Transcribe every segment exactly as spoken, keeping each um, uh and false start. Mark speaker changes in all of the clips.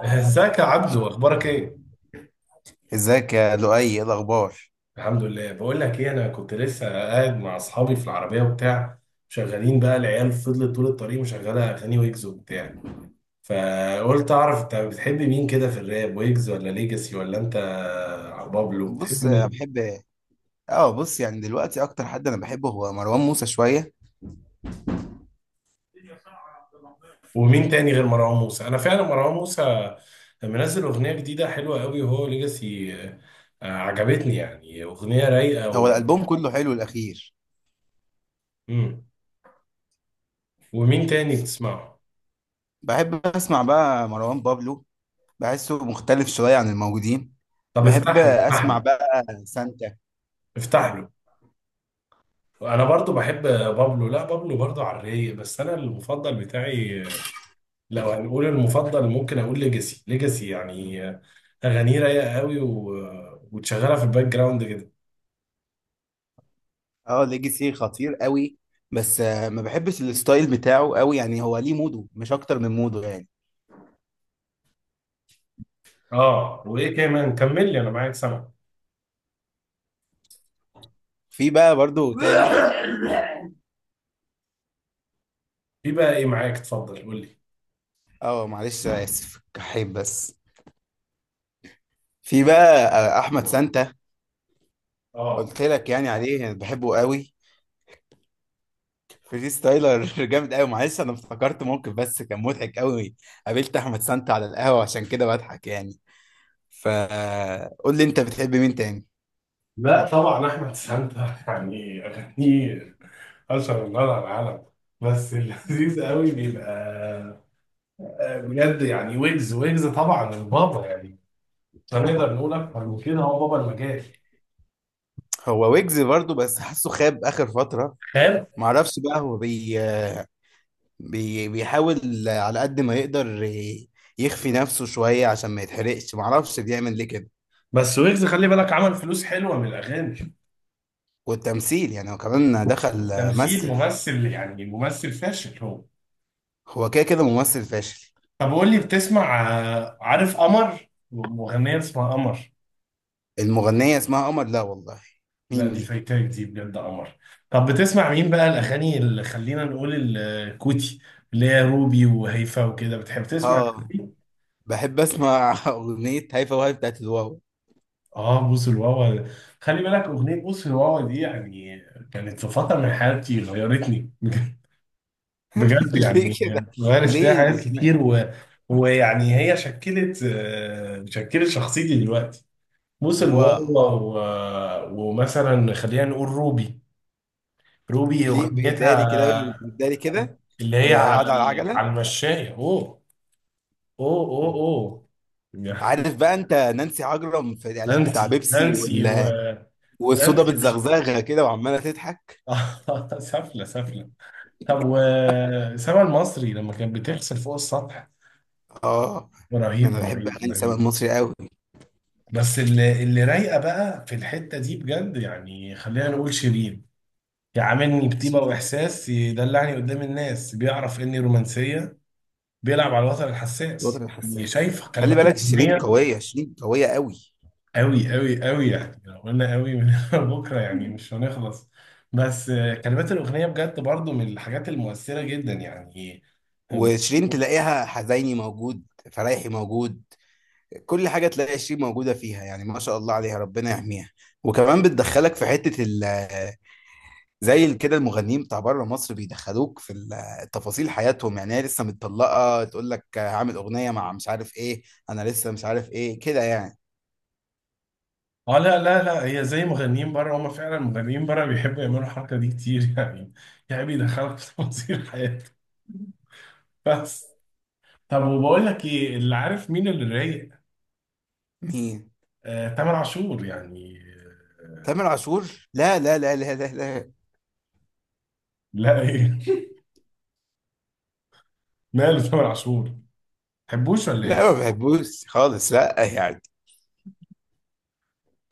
Speaker 1: ازيك يا عبدو؟ اخبارك ايه؟
Speaker 2: ازيك يا لؤي، ايه الاخبار؟
Speaker 1: الحمد لله. بقول لك ايه، انا كنت لسه قاعد مع اصحابي في العربيه وبتاع. شغالين بقى العيال، فضلت طول الطريق مشغله اغاني ويجز وبتاع. فقلت اعرف انت بتحب مين كده في الراب، ويجز ولا ليجاسي ولا انت بابلو؟ بتحب
Speaker 2: بص أنا
Speaker 1: مين؟
Speaker 2: بحب. اه بص، يعني دلوقتي اكتر حد انا بحبه هو مروان موسى شويه.
Speaker 1: ومين تاني غير مروان موسى؟ انا فعلا مروان موسى منزل اغنيه جديده حلوه قوي. وهو ليجاسي آه، آه، عجبتني يعني، اغنيه رايقه
Speaker 2: هو
Speaker 1: و...
Speaker 2: الالبوم كله حلو الاخير.
Speaker 1: مم. ومين تاني
Speaker 2: ف-
Speaker 1: بتسمعه؟
Speaker 2: بحب اسمع بقى مروان بابلو، بحسه مختلف شويه عن الموجودين.
Speaker 1: طب
Speaker 2: بحب
Speaker 1: افتح لي افتح
Speaker 2: اسمع
Speaker 1: لي
Speaker 2: بقى سانتا.
Speaker 1: افتح له. انا برضو بحب بابلو، لا بابلو برضو على الرايق، بس انا المفضل بتاعي لو هنقول المفضل ممكن اقول ليجاسي. ليجاسي يعني اغانيه رايقه قوي و... وتشغلها في الباك جراوند كده.
Speaker 2: اه ليجاسي خطير قوي، بس آه، ما بحبش الستايل بتاعه قوي، يعني هو ليه موده، مش اكتر من موده يعني.
Speaker 1: اه وايه كمان؟ كمل لي انا معاك سامع.
Speaker 2: في بقى برضو تاني.
Speaker 1: في بقى ايه معاك؟ اتفضل قول لي.
Speaker 2: اه معلش اسف كحيب بس. في بقى آه، احمد سانتا.
Speaker 1: اه
Speaker 2: قلت لك يعني عليه، انا بحبه قوي. فري ستايلر جامد قوي. معلش انا افتكرت موقف بس، كان مضحك قوي. قابلت احمد سانتا على القهوه، عشان كده بضحك يعني. فقول لي انت بتحب مين تاني؟
Speaker 1: لا طبعا احمد سانتا يعني اغانيه اشهر النار على العالم، بس اللذيذ قوي بيبقى آه، بجد يعني. ويجز، ويجز طبعا البابا يعني، مش هنقدر نقول اكتر من كده، هو بابا المجال.
Speaker 2: هو ويجز برضو، بس حاسه خاب اخر فتره.
Speaker 1: فاهم.
Speaker 2: معرفش بقى، هو بي... بي... بيحاول على قد ما يقدر ي- يخفي نفسه شويه عشان ما يتحرقش، معرفش بيعمل ليه كده.
Speaker 1: بس ويجز خلي بالك عمل فلوس حلوه من الاغاني.
Speaker 2: والتمثيل، يعني هو كمان دخل.
Speaker 1: تمثيل،
Speaker 2: مثل.
Speaker 1: ممثل يعني ممثل فاشل هو.
Speaker 2: هو كده كده ممثل فاشل.
Speaker 1: طب قول لي، بتسمع آه، عارف قمر؟ مغنيه اسمها قمر؟
Speaker 2: المغنيه اسمها قمر؟ لا والله،
Speaker 1: لا
Speaker 2: مين
Speaker 1: دي
Speaker 2: دي؟
Speaker 1: فايتاك، دي بجد قمر. طب بتسمع مين بقى الاغاني اللي خلينا نقول الكوتي، اللي هي روبي وهيفا وكده؟ بتحب تسمع الحاجات
Speaker 2: اه،
Speaker 1: دي؟
Speaker 2: بحب اسمع اغنيه هيفا، وهاي بتاعت الواو.
Speaker 1: اه بوس الواوا. خلي بالك اغنيه بوس الواوا دي يعني كانت في فتره من حياتي غيرتني بجد
Speaker 2: ليه
Speaker 1: يعني.
Speaker 2: كده؟
Speaker 1: غيرت فيها
Speaker 2: ليه
Speaker 1: حاجات
Speaker 2: اسمها
Speaker 1: كتير و... ويعني هي شكلت آه، شكلت شخصيتي دلوقتي. بوس
Speaker 2: واو؟
Speaker 1: الواوا. و... ومثلا خلينا نقول روبي. روبي
Speaker 2: ليه
Speaker 1: اغنيتها
Speaker 2: بيداري كده بيداري كده،
Speaker 1: اللي هي
Speaker 2: وهي
Speaker 1: على
Speaker 2: قاعده على
Speaker 1: ال- على
Speaker 2: العجله.
Speaker 1: المشاية. اوه اوه اوه اوه يعني.
Speaker 2: عارف بقى انت نانسي عجرم في الاعلان بتاع
Speaker 1: نانسي
Speaker 2: بيبسي
Speaker 1: نانسي و
Speaker 2: وال... والصودا
Speaker 1: نانسي وش...
Speaker 2: بتزغزغها كده وعماله تضحك؟
Speaker 1: آه، سفلة سفلة. طب وسما المصري لما كانت بتغسل فوق السطح،
Speaker 2: اه،
Speaker 1: رهيب
Speaker 2: انا بحب
Speaker 1: رهيب
Speaker 2: اغاني سامر
Speaker 1: رهيب.
Speaker 2: مصري قوي.
Speaker 1: بس اللي اللي رايقه بقى في الحته دي بجد يعني خلينا نقول شيرين. يعاملني بطيبه
Speaker 2: شيرين.
Speaker 1: واحساس، يدلعني قدام الناس، بيعرف اني رومانسيه، بيلعب على الوتر
Speaker 2: الوطن
Speaker 1: الحساس، يعني
Speaker 2: الحساس.
Speaker 1: شايف
Speaker 2: خلي
Speaker 1: كلمات
Speaker 2: بالك، شيرين
Speaker 1: الاغنيه.
Speaker 2: قويه، شيرين قويه قوي.
Speaker 1: قوي قوي قوي يعني لو قلنا قوي من بكره يعني مش هنخلص. بس آه، كلمات الاغنيه بجد برضو من الحاجات المؤثره جدا يعني.
Speaker 2: وشيرين تلاقيها حزيني موجود، فرايحي موجود، كل حاجة تلاقي شيء موجودة فيها يعني، ما شاء الله عليها، ربنا يحميها. وكمان بتدخلك في حتة ال، زي ال- كده المغنيين بتاع بره مصر بيدخلوك في ال- تفاصيل حياتهم، يعني هي لسه متطلقة تقول لك هعمل أغنية مع مش عارف إيه، أنا لسه مش عارف إيه كده يعني.
Speaker 1: اه لا لا لا، هي زي مغنيين بره، هم فعلا مغنيين بره بيحبوا يعملوا الحركه دي كتير يعني، يعني بيدخلك في تفاصيل حياتك بس. طب وبقول لك ايه اللي، عارف مين اللي رايق؟
Speaker 2: مين؟
Speaker 1: آه، تامر عاشور يعني. آه،
Speaker 2: تامر عاشور؟ لا لا لا لا لا لا.
Speaker 1: لا ايه. ماله تامر عاشور، تحبوش ولا ايه؟
Speaker 2: لا ما بحبوش خالص، لا يعني.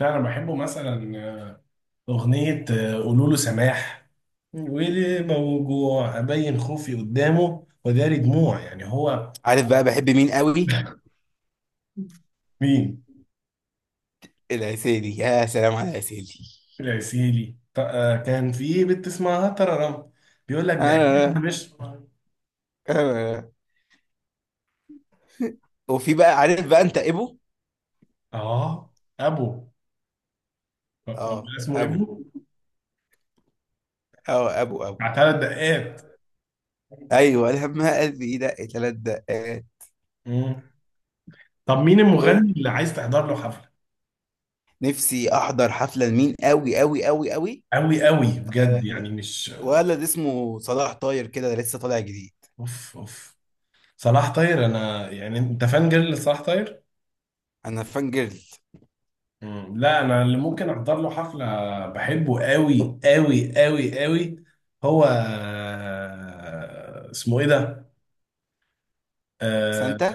Speaker 1: لا انا بحبه، مثلا آه، اغنية آه، قولوا له سماح، وليه موجوع ابين خوفي قدامه وداري دموع، يعني هو.
Speaker 2: عارف بقى بحب مين قوي؟
Speaker 1: مين؟
Speaker 2: العسيلي، يا سلام على العسيلي.
Speaker 1: العسيلي. ط- آه، كان في بنت اسمها تررم، بيقول لك ده أكيد
Speaker 2: انا
Speaker 1: مش.
Speaker 2: انا أنا- وفي بقى، عارف بقى انت ابو؟
Speaker 1: اه ابو. هو
Speaker 2: اه
Speaker 1: اسمه
Speaker 2: ابو.
Speaker 1: ابو،
Speaker 2: اه ابو ابو.
Speaker 1: بتاع ثلاث دقات.
Speaker 2: ايوه، لما قلبي يدق ثلاث دقات.
Speaker 1: مم. طب مين المغني اللي عايز تحضر له حفلة؟
Speaker 2: ونفسي احضر حفله لمين قوي قوي قوي قوي،
Speaker 1: أوي أوي بجد
Speaker 2: آه،
Speaker 1: يعني مش.
Speaker 2: ولد اسمه صلاح طاير كده، ده لسه طالع جديد.
Speaker 1: أوف أوف. صلاح طاير؟ أنا يعني، أنت فان جيرل لصلاح طاير؟
Speaker 2: انا فان جيرل.
Speaker 1: مم. لا أنا اللي ممكن أحضر له حفلة، بحبه أوي أوي أوي أوي. هو آه، اسمه إيه ده؟ آه،
Speaker 2: سانتا.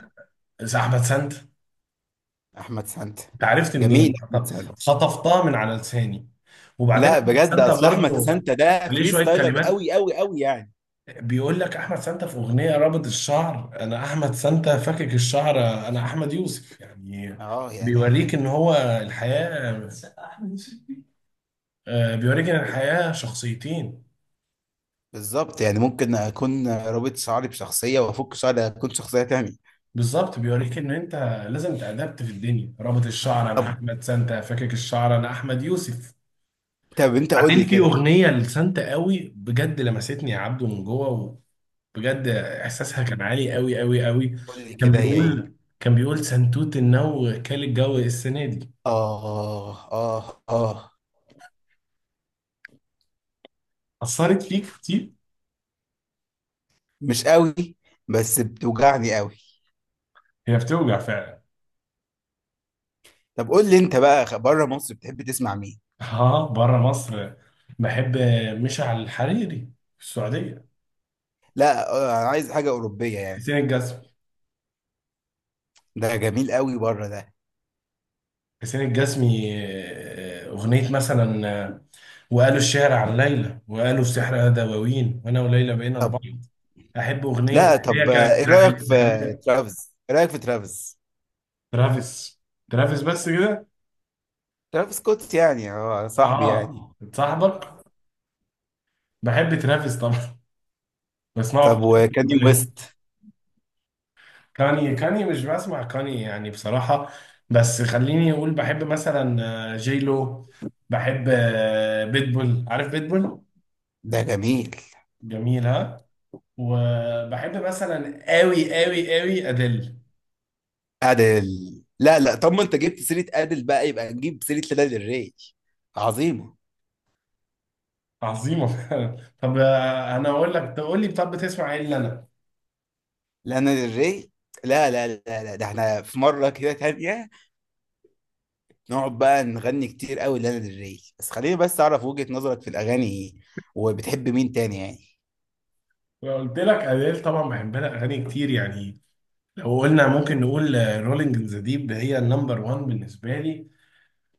Speaker 1: أحمد سانت.
Speaker 2: احمد سانتا.
Speaker 1: أنت عرفت
Speaker 2: جميل
Speaker 1: منين؟
Speaker 2: احمد سانتا.
Speaker 1: خطفتها من على لساني. وبعدين
Speaker 2: لا
Speaker 1: أحمد
Speaker 2: بجد،
Speaker 1: سانت
Speaker 2: اصل احمد
Speaker 1: برضه،
Speaker 2: سانتا ده
Speaker 1: عليه
Speaker 2: فري
Speaker 1: شوية
Speaker 2: ستايلر
Speaker 1: كلمات.
Speaker 2: قوي قوي قوي يعني.
Speaker 1: بيقول لك احمد سانتا في اغنيه رابط الشعر انا احمد سانتا، فاكك الشعر انا احمد يوسف، يعني
Speaker 2: اه
Speaker 1: بيوريك
Speaker 2: يعني.
Speaker 1: ان هو الحياه آه، بيوريك ان الحياه شخصيتين.
Speaker 2: بالظبط، يعني ممكن اكون رابط شعري بشخصيه، وافك شعري اكون شخصيه تانية.
Speaker 1: بالظبط بيوريك ان انت لازم تأدبت في الدنيا. رابط الشعر انا
Speaker 2: طب.
Speaker 1: احمد سانتا، فاكك الشعر انا احمد يوسف.
Speaker 2: طب انت قول
Speaker 1: بعدين
Speaker 2: لي
Speaker 1: في
Speaker 2: كده.
Speaker 1: اغنيه لسانتا قوي بجد لمستني يا عبده من جوه، وبجد احساسها كان عالي قوي قوي قوي.
Speaker 2: قول لي
Speaker 1: كان
Speaker 2: كده، هي ايه؟
Speaker 1: بيقول كان بيقول سنتوت النو كال الجو السنه دي،
Speaker 2: آه آه آه.
Speaker 1: أثرت فيك كتير.
Speaker 2: مش قوي، بس بتوجعني قوي.
Speaker 1: هي بتوجع فعلا.
Speaker 2: طب قول لي أنت بقى، بره مصر بتحب تسمع مين؟
Speaker 1: اه بره مصر. بحب مشعل الحريري في السعودية.
Speaker 2: لا آه، أنا عايز حاجة أوروبية يعني.
Speaker 1: حسين الجسمي،
Speaker 2: ده جميل قوي بره ده.
Speaker 1: حسين الجسمي آه، أغنية مثلا آه، وقالوا الشعر عن ليلى، وقالوا السحر دواوين، وأنا وليلى بقينا
Speaker 2: طب،
Speaker 1: البحر. أحب أغنية اللي
Speaker 2: لا
Speaker 1: هي
Speaker 2: طب،
Speaker 1: كانت
Speaker 2: آه، إيه
Speaker 1: بتاعت
Speaker 2: رأيك في
Speaker 1: الانتخابات.
Speaker 2: ترافيس؟ إيه رأيك في ترافيس؟
Speaker 1: ترافيس، ترافيس بس كده.
Speaker 2: ترافيس سكوت يعني، آه صاحبي
Speaker 1: اه
Speaker 2: يعني.
Speaker 1: صاحبك. بحب ترافيس طبعا، بسمعه.
Speaker 2: طب وكاني
Speaker 1: في
Speaker 2: ويست؟
Speaker 1: كاني، كاني مش بسمع كاني يعني بصراحة. بس خليني أقول بحب مثلا آه، جي لو. بحب آه، بيتبول، عارف بيتبول؟
Speaker 2: ده جميل.
Speaker 1: جميل ها. وبحب مثلا قوي قوي قوي أديل.
Speaker 2: أدل. لا لا، طب ما أنت جبت سيرة أدل بقى، يبقى نجيب سيرة لانا del ري. عظيمة.
Speaker 1: عظيمة فعلا. طب آه، أنا أقول لك تقول لي، طب بتسمع إيه اللي أنا؟
Speaker 2: لانا ديل ري، لا لا لا لا، ده احنا في مرة كده تانية نقعد بقى نغني كتير قوي لانا ديل ري، بس خليني بس اعرف وجهة نظرك في الاغاني ايه، وبتحب مين تاني يعني.
Speaker 1: لو قلت لك أديل طبعا بحب لها أغاني كتير يعني. لو قلنا ممكن نقول رولينج ذا ديب، هي النمبر واحد بالنسبة لي.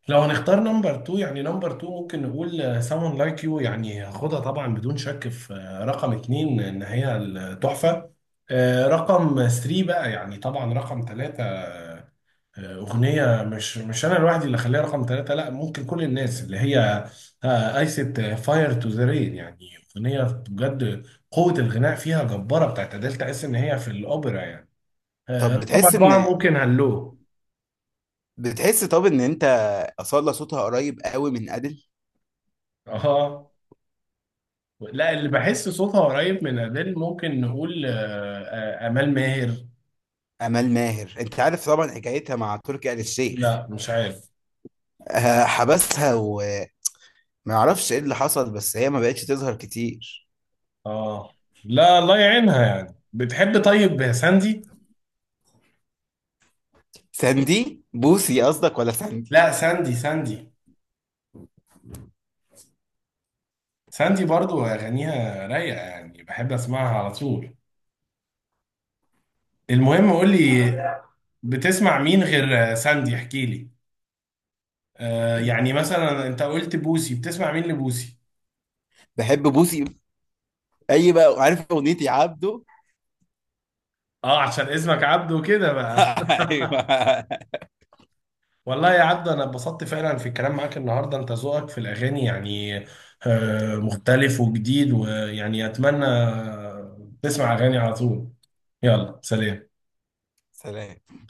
Speaker 1: لو هنختار نمبر اتنين، يعني نمبر اتنين ممكن نقول someone like you، يعني هاخدها طبعا بدون شك في آه، رقم اتنين ان هي التحفة. آه، رقم ثلاثة بقى يعني. طبعا رقم ثلاثة آه، اغنية مش مش انا لوحدي اللي اخليها رقم ثلاثة، لا ممكن كل الناس اللي هي ايست فاير تو ذا رين يعني. اغنية بجد قوة الغناء فيها جبارة بتاعت أديل، تحس ان هي في الاوبرا يعني.
Speaker 2: طب
Speaker 1: آه، رقم
Speaker 2: بتحس ان،
Speaker 1: اربعة ممكن هلو.
Speaker 2: بتحس طب ان انت اصالة صوتها قريب قوي من ادل؟
Speaker 1: اه لا، اللي بحس صوتها قريب من أديل ممكن نقول آه، آه، آمال ماهر.
Speaker 2: امال ماهر، انت عارف طبعا حكايتها مع تركي آل الشيخ؟
Speaker 1: لا مش عارف.
Speaker 2: آه، حبسها، وما اعرفش ايه اللي حصل، بس هي ما بقتش تظهر كتير.
Speaker 1: اه لا، الله يعينها يعني. بتحب طيب ساندي؟
Speaker 2: ساندي بوسي قصدك، ولا ساندي؟
Speaker 1: لا ساندي، ساندي. ساندي برضو أغانيها رايقة يعني، بحب أسمعها على طول. المهم قول لي، بتسمع مين غير آه، ساندي؟ احكي لي. آه يعني مثلا انت قلت بوسي، بتسمع مين لبوسي؟
Speaker 2: بحب بوسي. اي بقى، عارف اغنيتي عبده؟
Speaker 1: اه عشان اسمك عبده كده بقى.
Speaker 2: ايوه.
Speaker 1: والله يا عبد انا اتبسطت فعلا في الكلام معاك النهارده، انت ذوقك في الاغاني يعني آه، مختلف وجديد، ويعني اتمنى تسمع اغاني على طول. يلا، سلام.
Speaker 2: سلام.